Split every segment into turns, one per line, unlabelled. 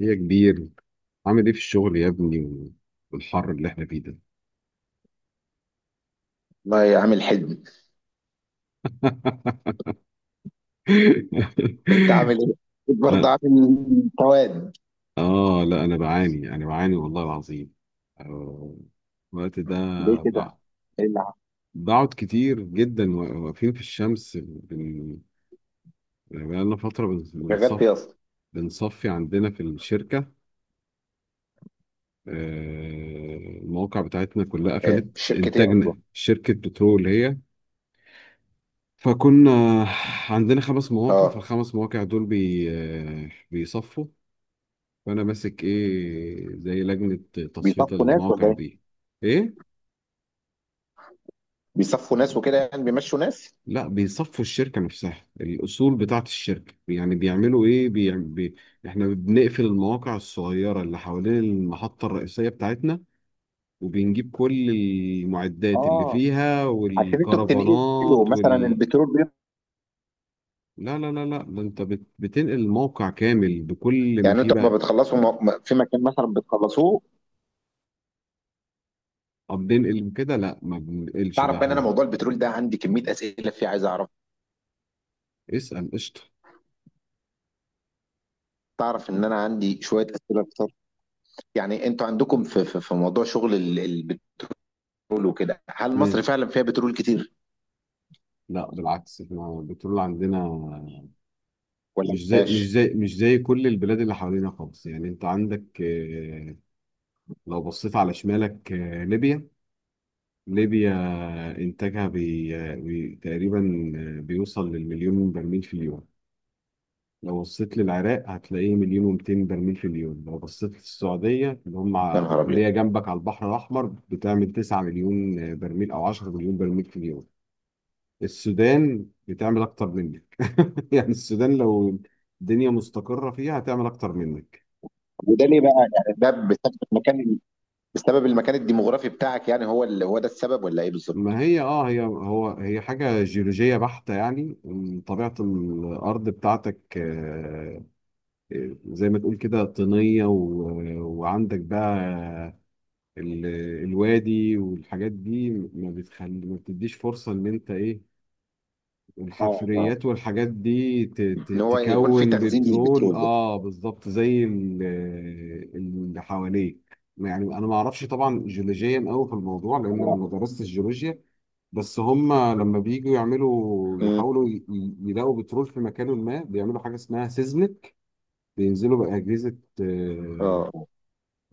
يا كبير، عامل ايه في الشغل يا ابني والحر اللي احنا فيه ده.
والله يا عامل حلمي، انت عامل ايه؟ أكيد برضه
اه
عامل قواد.
لا، انا بعاني، والله العظيم. آه، الوقت ده،
ليه كده؟
بع-
ايه اللي حصل؟
بقعد كتير جدا واقفين في الشمس، يعني بقالنا فترة
شغال في ايه اصلا؟
بنصفي عندنا في الشركة. آه، المواقع بتاعتنا كلها
ايه
قفلت.
شركة ايه اصلا؟
انتاجنا، شركة بترول هي. فكنا عندنا 5 مواقع،
اه.
فالخمس مواقع دول بيصفوا. فأنا ماسك، إيه، زي لجنة تصفية
بيصفوا ناس ولا
المواقع
ايه؟
دي. إيه؟
بيصفوا ناس وكده، يعني بيمشوا ناس؟
لا، بيصفوا الشركة نفسها. الأصول بتاعة الشركة، يعني بيعملوا إيه؟ إحنا بنقفل المواقع الصغيرة اللي حوالين المحطة الرئيسية بتاعتنا، وبنجيب كل المعدات اللي
اه.
فيها
عشان انتوا بتنقلوا
والكرفانات
مثلا
وال...
البترول
لا لا لا لا، ده انت بتنقل الموقع كامل بكل ما
يعني
فيه
انتوا
بقى.
لما بتخلصوا في مكان مثلا بتخلصوه.
طب بنقل كده؟ لا، ما بننقلش
تعرف
بقى
بقى ان انا
احنا.
موضوع البترول ده عندي كمية اسئلة فيه، عايز اعرف.
اسأل، قشطة.
تعرف ان انا عندي شوية اسئلة كتير. يعني انتوا عندكم في موضوع شغل البترول وكده، هل مصر
امم
فعلا فيها بترول كتير
لا، بالعكس، احنا البترول عندنا
ولا ما فيهاش؟
مش زي كل البلاد اللي حوالينا خالص، يعني انت عندك، لو بصيت على شمالك، ليبيا انتاجها بي آه، بي تقريبا بيوصل للمليون برميل في اليوم. لو بصيت للعراق، هتلاقيه مليون و200 برميل في اليوم. لو بصيت للسعودية،
يا نهار ابيض.
اللي هي جنبك على البحر الأحمر، بتعمل 9 مليون برميل أو 10 مليون برميل في اليوم. السودان بتعمل اكتر منك. يعني السودان، لو الدنيا مستقرة فيها، هتعمل اكتر منك.
وده ليه بقى؟ يعني ده بسبب المكان، بسبب المكان الديموغرافي بتاعك، يعني هو اللي هو ده السبب ولا ايه بالظبط؟
ما هي اه هي هو هي حاجة جيولوجية بحتة، يعني إن طبيعة الأرض بتاعتك، زي ما تقول كده طينية، وعندك بقى ال- الوادي والحاجات دي، ما بتخلي، ما بتديش فرصة إن أنت، إيه،
اه اه.
الحفريات والحاجات دي
ان هو يكون في
تكون
تخزين
بترول.
للبترول ده.
اه، بالظبط زي اللي حواليك. يعني انا ما اعرفش طبعا جيولوجيا قوي في الموضوع، لان انا
اه.
ما درستش جيولوجيا. بس هم لما بييجوا يعملوا
امم.
يحاولوا يلاقوا بترول في مكان، ما بيعملوا حاجه اسمها سيزمك. بينزلوا بأجهزه،
اه
آه،
آه.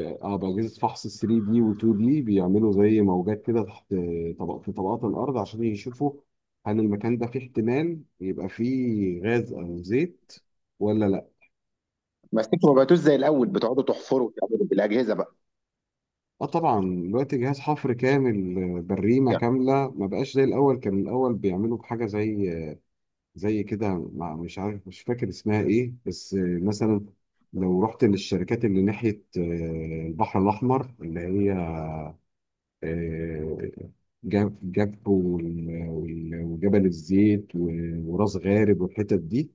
اه بأجهزة فحص 3 دي و 2 دي، بيعملوا زي موجات كده تحت، طبق في طبقات الأرض، عشان يشوفوا هل المكان ده فيه احتمال يبقى فيه غاز أو زيت ولا لا.
بس انتوا ما بقيتوش زي الاول بتقعدوا تحفروا وتعملوا بالاجهزه بقى؟
اه، طبعا دلوقتي جهاز حفر كامل، بريمة
يعني
كاملة، ما بقاش زي الأول. كان الأول بيعملوا بحاجة زي، زي كده، مش عارف، مش فاكر اسمها ايه، بس مثلا لو رحت للشركات اللي ناحية، البحر الأحمر، اللي هي، آه، جابو وجبل الزيت وراس غارب والحتت دي،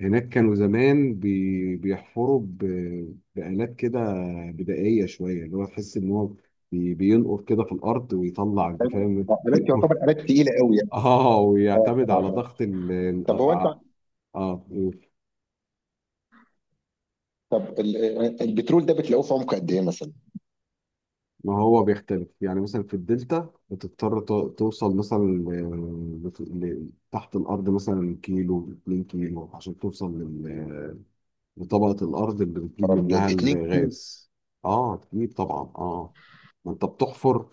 هناك كانوا زمان بيحفروا بآلات كده بدائية شوية، اللي هو تحس إن هو بينقر كده في الأرض ويطلع. أنت فاهم؟
آلات يعتبر آلات تقيله قوي يعني. اه
ويعتمد
اه
على
اه.
ضغط ال
طب هو انت
آه، آه،
طب البترول ده بتلاقوه في عمق قد ايه مثلا؟
ما هو بيختلف، يعني مثلا في الدلتا بتضطر توصل مثلا تحت الأرض، مثلا كيلو، 2 كيلو عشان توصل لطبقة الأرض اللي بتجيب
عرب ابيض
منها
اتنين.
الغاز. كتير طبعا، ما أنت بتحفر،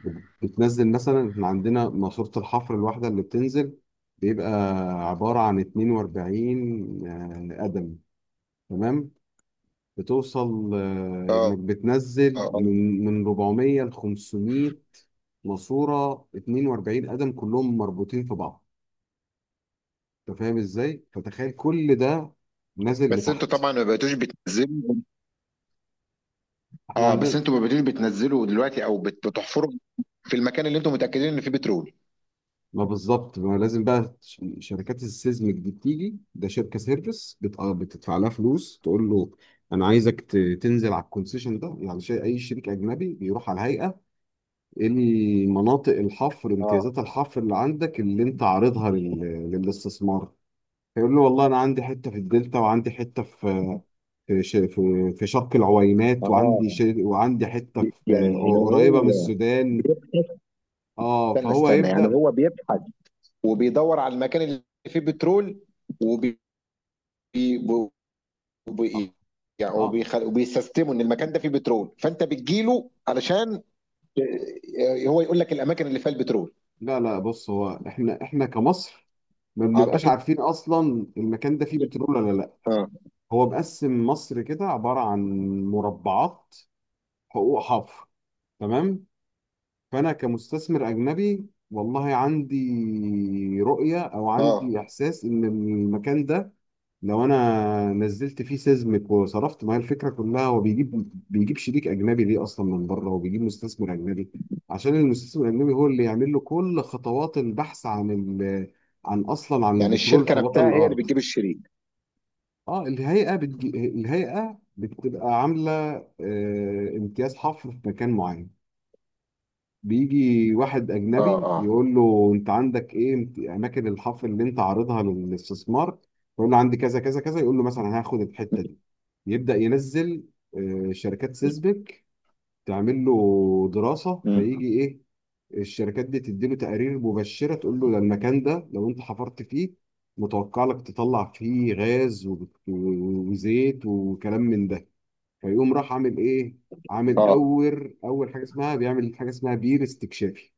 بتنزل. مثلا إحنا عندنا ماسورة الحفر الواحدة اللي بتنزل، بيبقى عبارة عن 42 قدم. تمام. بتوصل
اه
إنك بتنزل
اه آه.
من 400 ل 500 ماسورة، 42 قدم كلهم مربوطين في بعض. أنت فاهم إزاي؟ فتخيل كل ده نازل
بس انتوا
لتحت.
طبعا ما بقيتوش بتنزلوا.
إحنا
اه،
عندنا،
بس انتوا ما بقيتوش بتنزلوا دلوقتي او بتحفروا في المكان اللي انتوا متاكدين ان فيه بترول.
ما بالظبط، ما لازم بقى شركات السيزمك دي بتيجي. ده شركه سيرفيس بتدفع لها فلوس، تقول له انا عايزك تنزل على الكونسيشن ده. يعني شيء، اي شريك اجنبي بيروح على الهيئه، ايه اللي، مناطق الحفر،
اه
امتيازات الحفر اللي عندك، اللي انت عارضها للاستثمار. فيقول له والله انا عندي حته في الدلتا، وعندي حته في شرق العوينات،
اه.
وعندي حته في،
يعني
قريبه من
هو
السودان.
بيبحث.
اه،
استنى
فهو
استنى، يعني
يبدا.
هو بيبحث، وبيدور على المكان اللي فيه بترول وبي وبي-
اه
وبي- يعني
آه.
وبيستسلموا ان المكان ده فيه بترول، فانت بتجيله علشان ت- هو يقول لك الاماكن اللي فيها البترول.
لا لا، بص، هو احنا، كمصر ما بنبقاش
اعتقد.
عارفين اصلا المكان ده فيه بترول ولا لا.
اه
هو مقسم مصر كده عبارة عن مربعات، حقوق حفر. تمام. فانا كمستثمر اجنبي، والله عندي رؤية، او
اه.
عندي احساس ان المكان ده لو انا نزلت فيه سيزمك وصرفت. ما هي الفكره كلها، هو بيجيب شريك اجنبي ليه اصلا من بره، وبيجيب مستثمر اجنبي عشان المستثمر الاجنبي هو اللي يعمل له كل خطوات البحث عن عن، اصلا، عن
يعني
البترول
الشركه
في بطن
نفسها هي اللي
الارض.
بتجيب الشريك.
اه، الهيئه بتبقى عامله امتياز حفر في مكان معين. بيجي واحد
اه
أجنبي،
اه.
يقول له أنت عندك إيه، أماكن الحفر اللي أنت عارضها للاستثمار. يقول له عندي كذا كذا كذا، يقول له مثلا هاخد الحتة دي. يبدأ ينزل شركات سيسبك تعمل له دراسة،
مم.
فيجي إيه، الشركات دي تديله تقارير مبشرة، تقول له ده المكان ده لو أنت حفرت فيه متوقع لك تطلع فيه غاز وزيت وكلام من ده. فيقوم راح عامل إيه، عامل
اه.
أول حاجة اسمها، بيعمل حاجة اسمها بير استكشافي.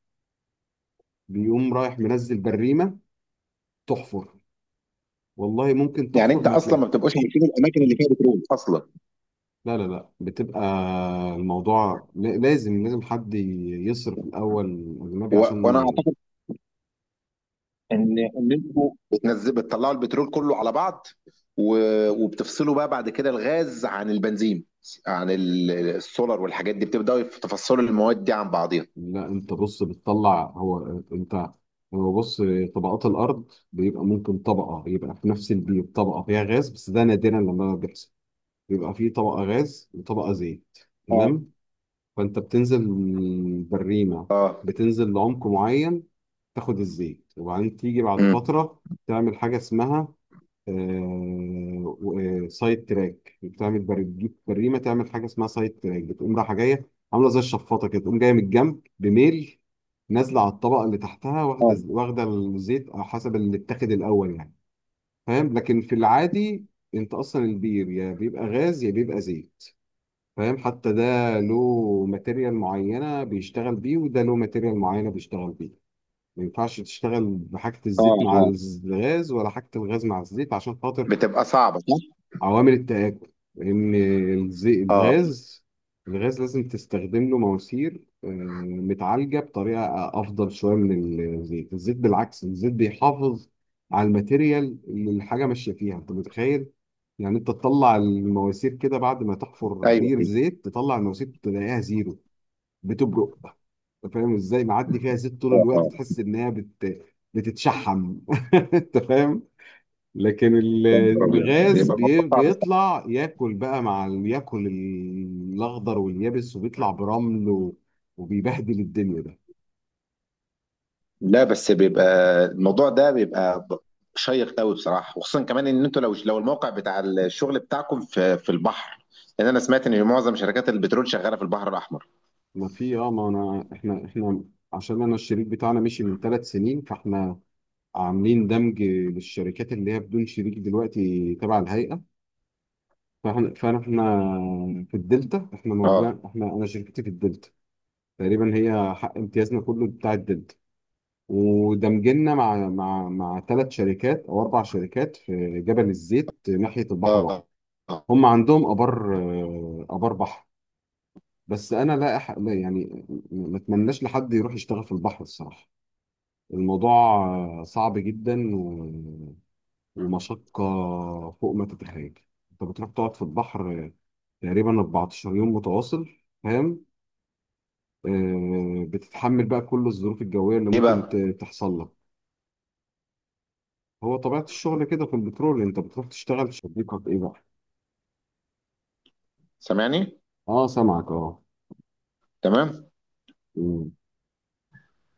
بيقوم رايح منزل بريمة تحفر، والله ممكن
يعني
تحفر
انت
ما
اصلا ما
تلاقي.
بتبقاش عارفين الاماكن اللي فيها بترول اصلا؟
لا لا لا، بتبقى، الموضوع لازم حد يصرف الأول، أجنبي،
و... وانا
عشان.
ان انتوا بتنزل بتطلعوا البترول كله على بعض، و... وبتفصلوا بقى بعد كده الغاز عن البنزين عن السولار والحاجات دي، بتبداوا تفصلوا المواد دي عن بعضيها.
لا أنت بص، بتطلع، هو أنت هو بص، طبقات الأرض بيبقى ممكن طبقة، يبقى في نفس البيت طبقة فيها غاز بس، ده نادرا لما بيحصل. بيبقى فيه طبقة غاز وطبقة زيت.
اه
تمام. فانت بتنزل بالريمه،
اه.
بتنزل لعمق معين، تاخد الزيت، وبعدين تيجي بعد
امم.
فتره تعمل حاجه اسمها، سايد تراك. بتجيب بريمه، تعمل حاجه اسمها سايد تراك، بتقوم رايحه جايه، عامله زي الشفاطه كده، تقوم جايه من الجنب بميل، نازله على الطبقه اللي تحتها، واخده
اه
واخده الزيت على حسب اللي اتاخد الاول، يعني. فاهم؟ لكن في العادي، انت اصلا البير يا بيبقى غاز يا بيبقى زيت. فاهم؟ حتى ده له ماتيريال معينة بيشتغل بيه، وده له ماتيريال معينة بيشتغل بيه. ما ينفعش تشتغل بحاجة
اه
الزيت مع
اه.
الغاز، ولا حاجة الغاز مع الزيت، عشان خاطر
بتبقى صعبه صح؟
عوامل التآكل. إن الزي-
اه
الغاز الغاز لازم تستخدم له مواسير، متعالجة بطريقة أفضل شوية من الزيت. الزيت بالعكس، الزيت بيحافظ على الماتيريال اللي الحاجة ماشية فيها. أنت متخيل؟ يعني أنت تطلع المواسير كده بعد ما تحفر
ايوه.
بير زيت، تطلع المواسير تلاقيها زيرو، بتبرق. أنت فاهم إزاي؟ معدي فيها زيت طول
اه
الوقت،
اه.
تحس إنها بتتشحم. أنت فاهم؟ لكن
يا نهار ابيض،
الغاز
بيبقى الموضوع صعب صح.
بيطلع ياكل بقى، ياكل الاخضر واليابس، وبيطلع برمل وبيبهدل الدنيا ده.
لا، بس بيبقى الموضوع ده شيق قوي بصراحه، وخصوصا كمان ان انتوا لو الموقع بتاع الشغل بتاعكم في البحر. لان انا سمعت ان معظم شركات البترول شغاله في البحر الاحمر.
ما في، ما انا، احنا، عشان انا الشريك بتاعنا مشي من 3 سنين، عاملين دمج للشركات اللي هي بدون شريك دلوقتي، تبع الهيئة. فاحنا فاحنا إحنا في الدلتا، احنا
اه
موجود احنا انا شركتي في الدلتا. تقريبا هي حق امتيازنا كله بتاع الدلتا. ودمجنا مع 3 شركات او 4 شركات في جبل الزيت ناحيه البحر الاحمر.
اه آه.
هم عندهم ابار، ابار بحر. بس انا، لا يعني ما اتمناش لحد يروح يشتغل في البحر الصراحه. الموضوع، صعب جدا ومشقه فوق ما تتخيل. انت بتروح تقعد في البحر، تقريبا 14 يوم متواصل. فاهم؟ بتتحمل بقى كل الظروف الجويه اللي
ايه
ممكن
بقى؟
تحصل لك. هو طبيعة الشغل كده في البترول، انت بتروح تشتغل في شبيكة، ايه بقى؟
سامعني؟
اه، سامعك.
تمام.
اه.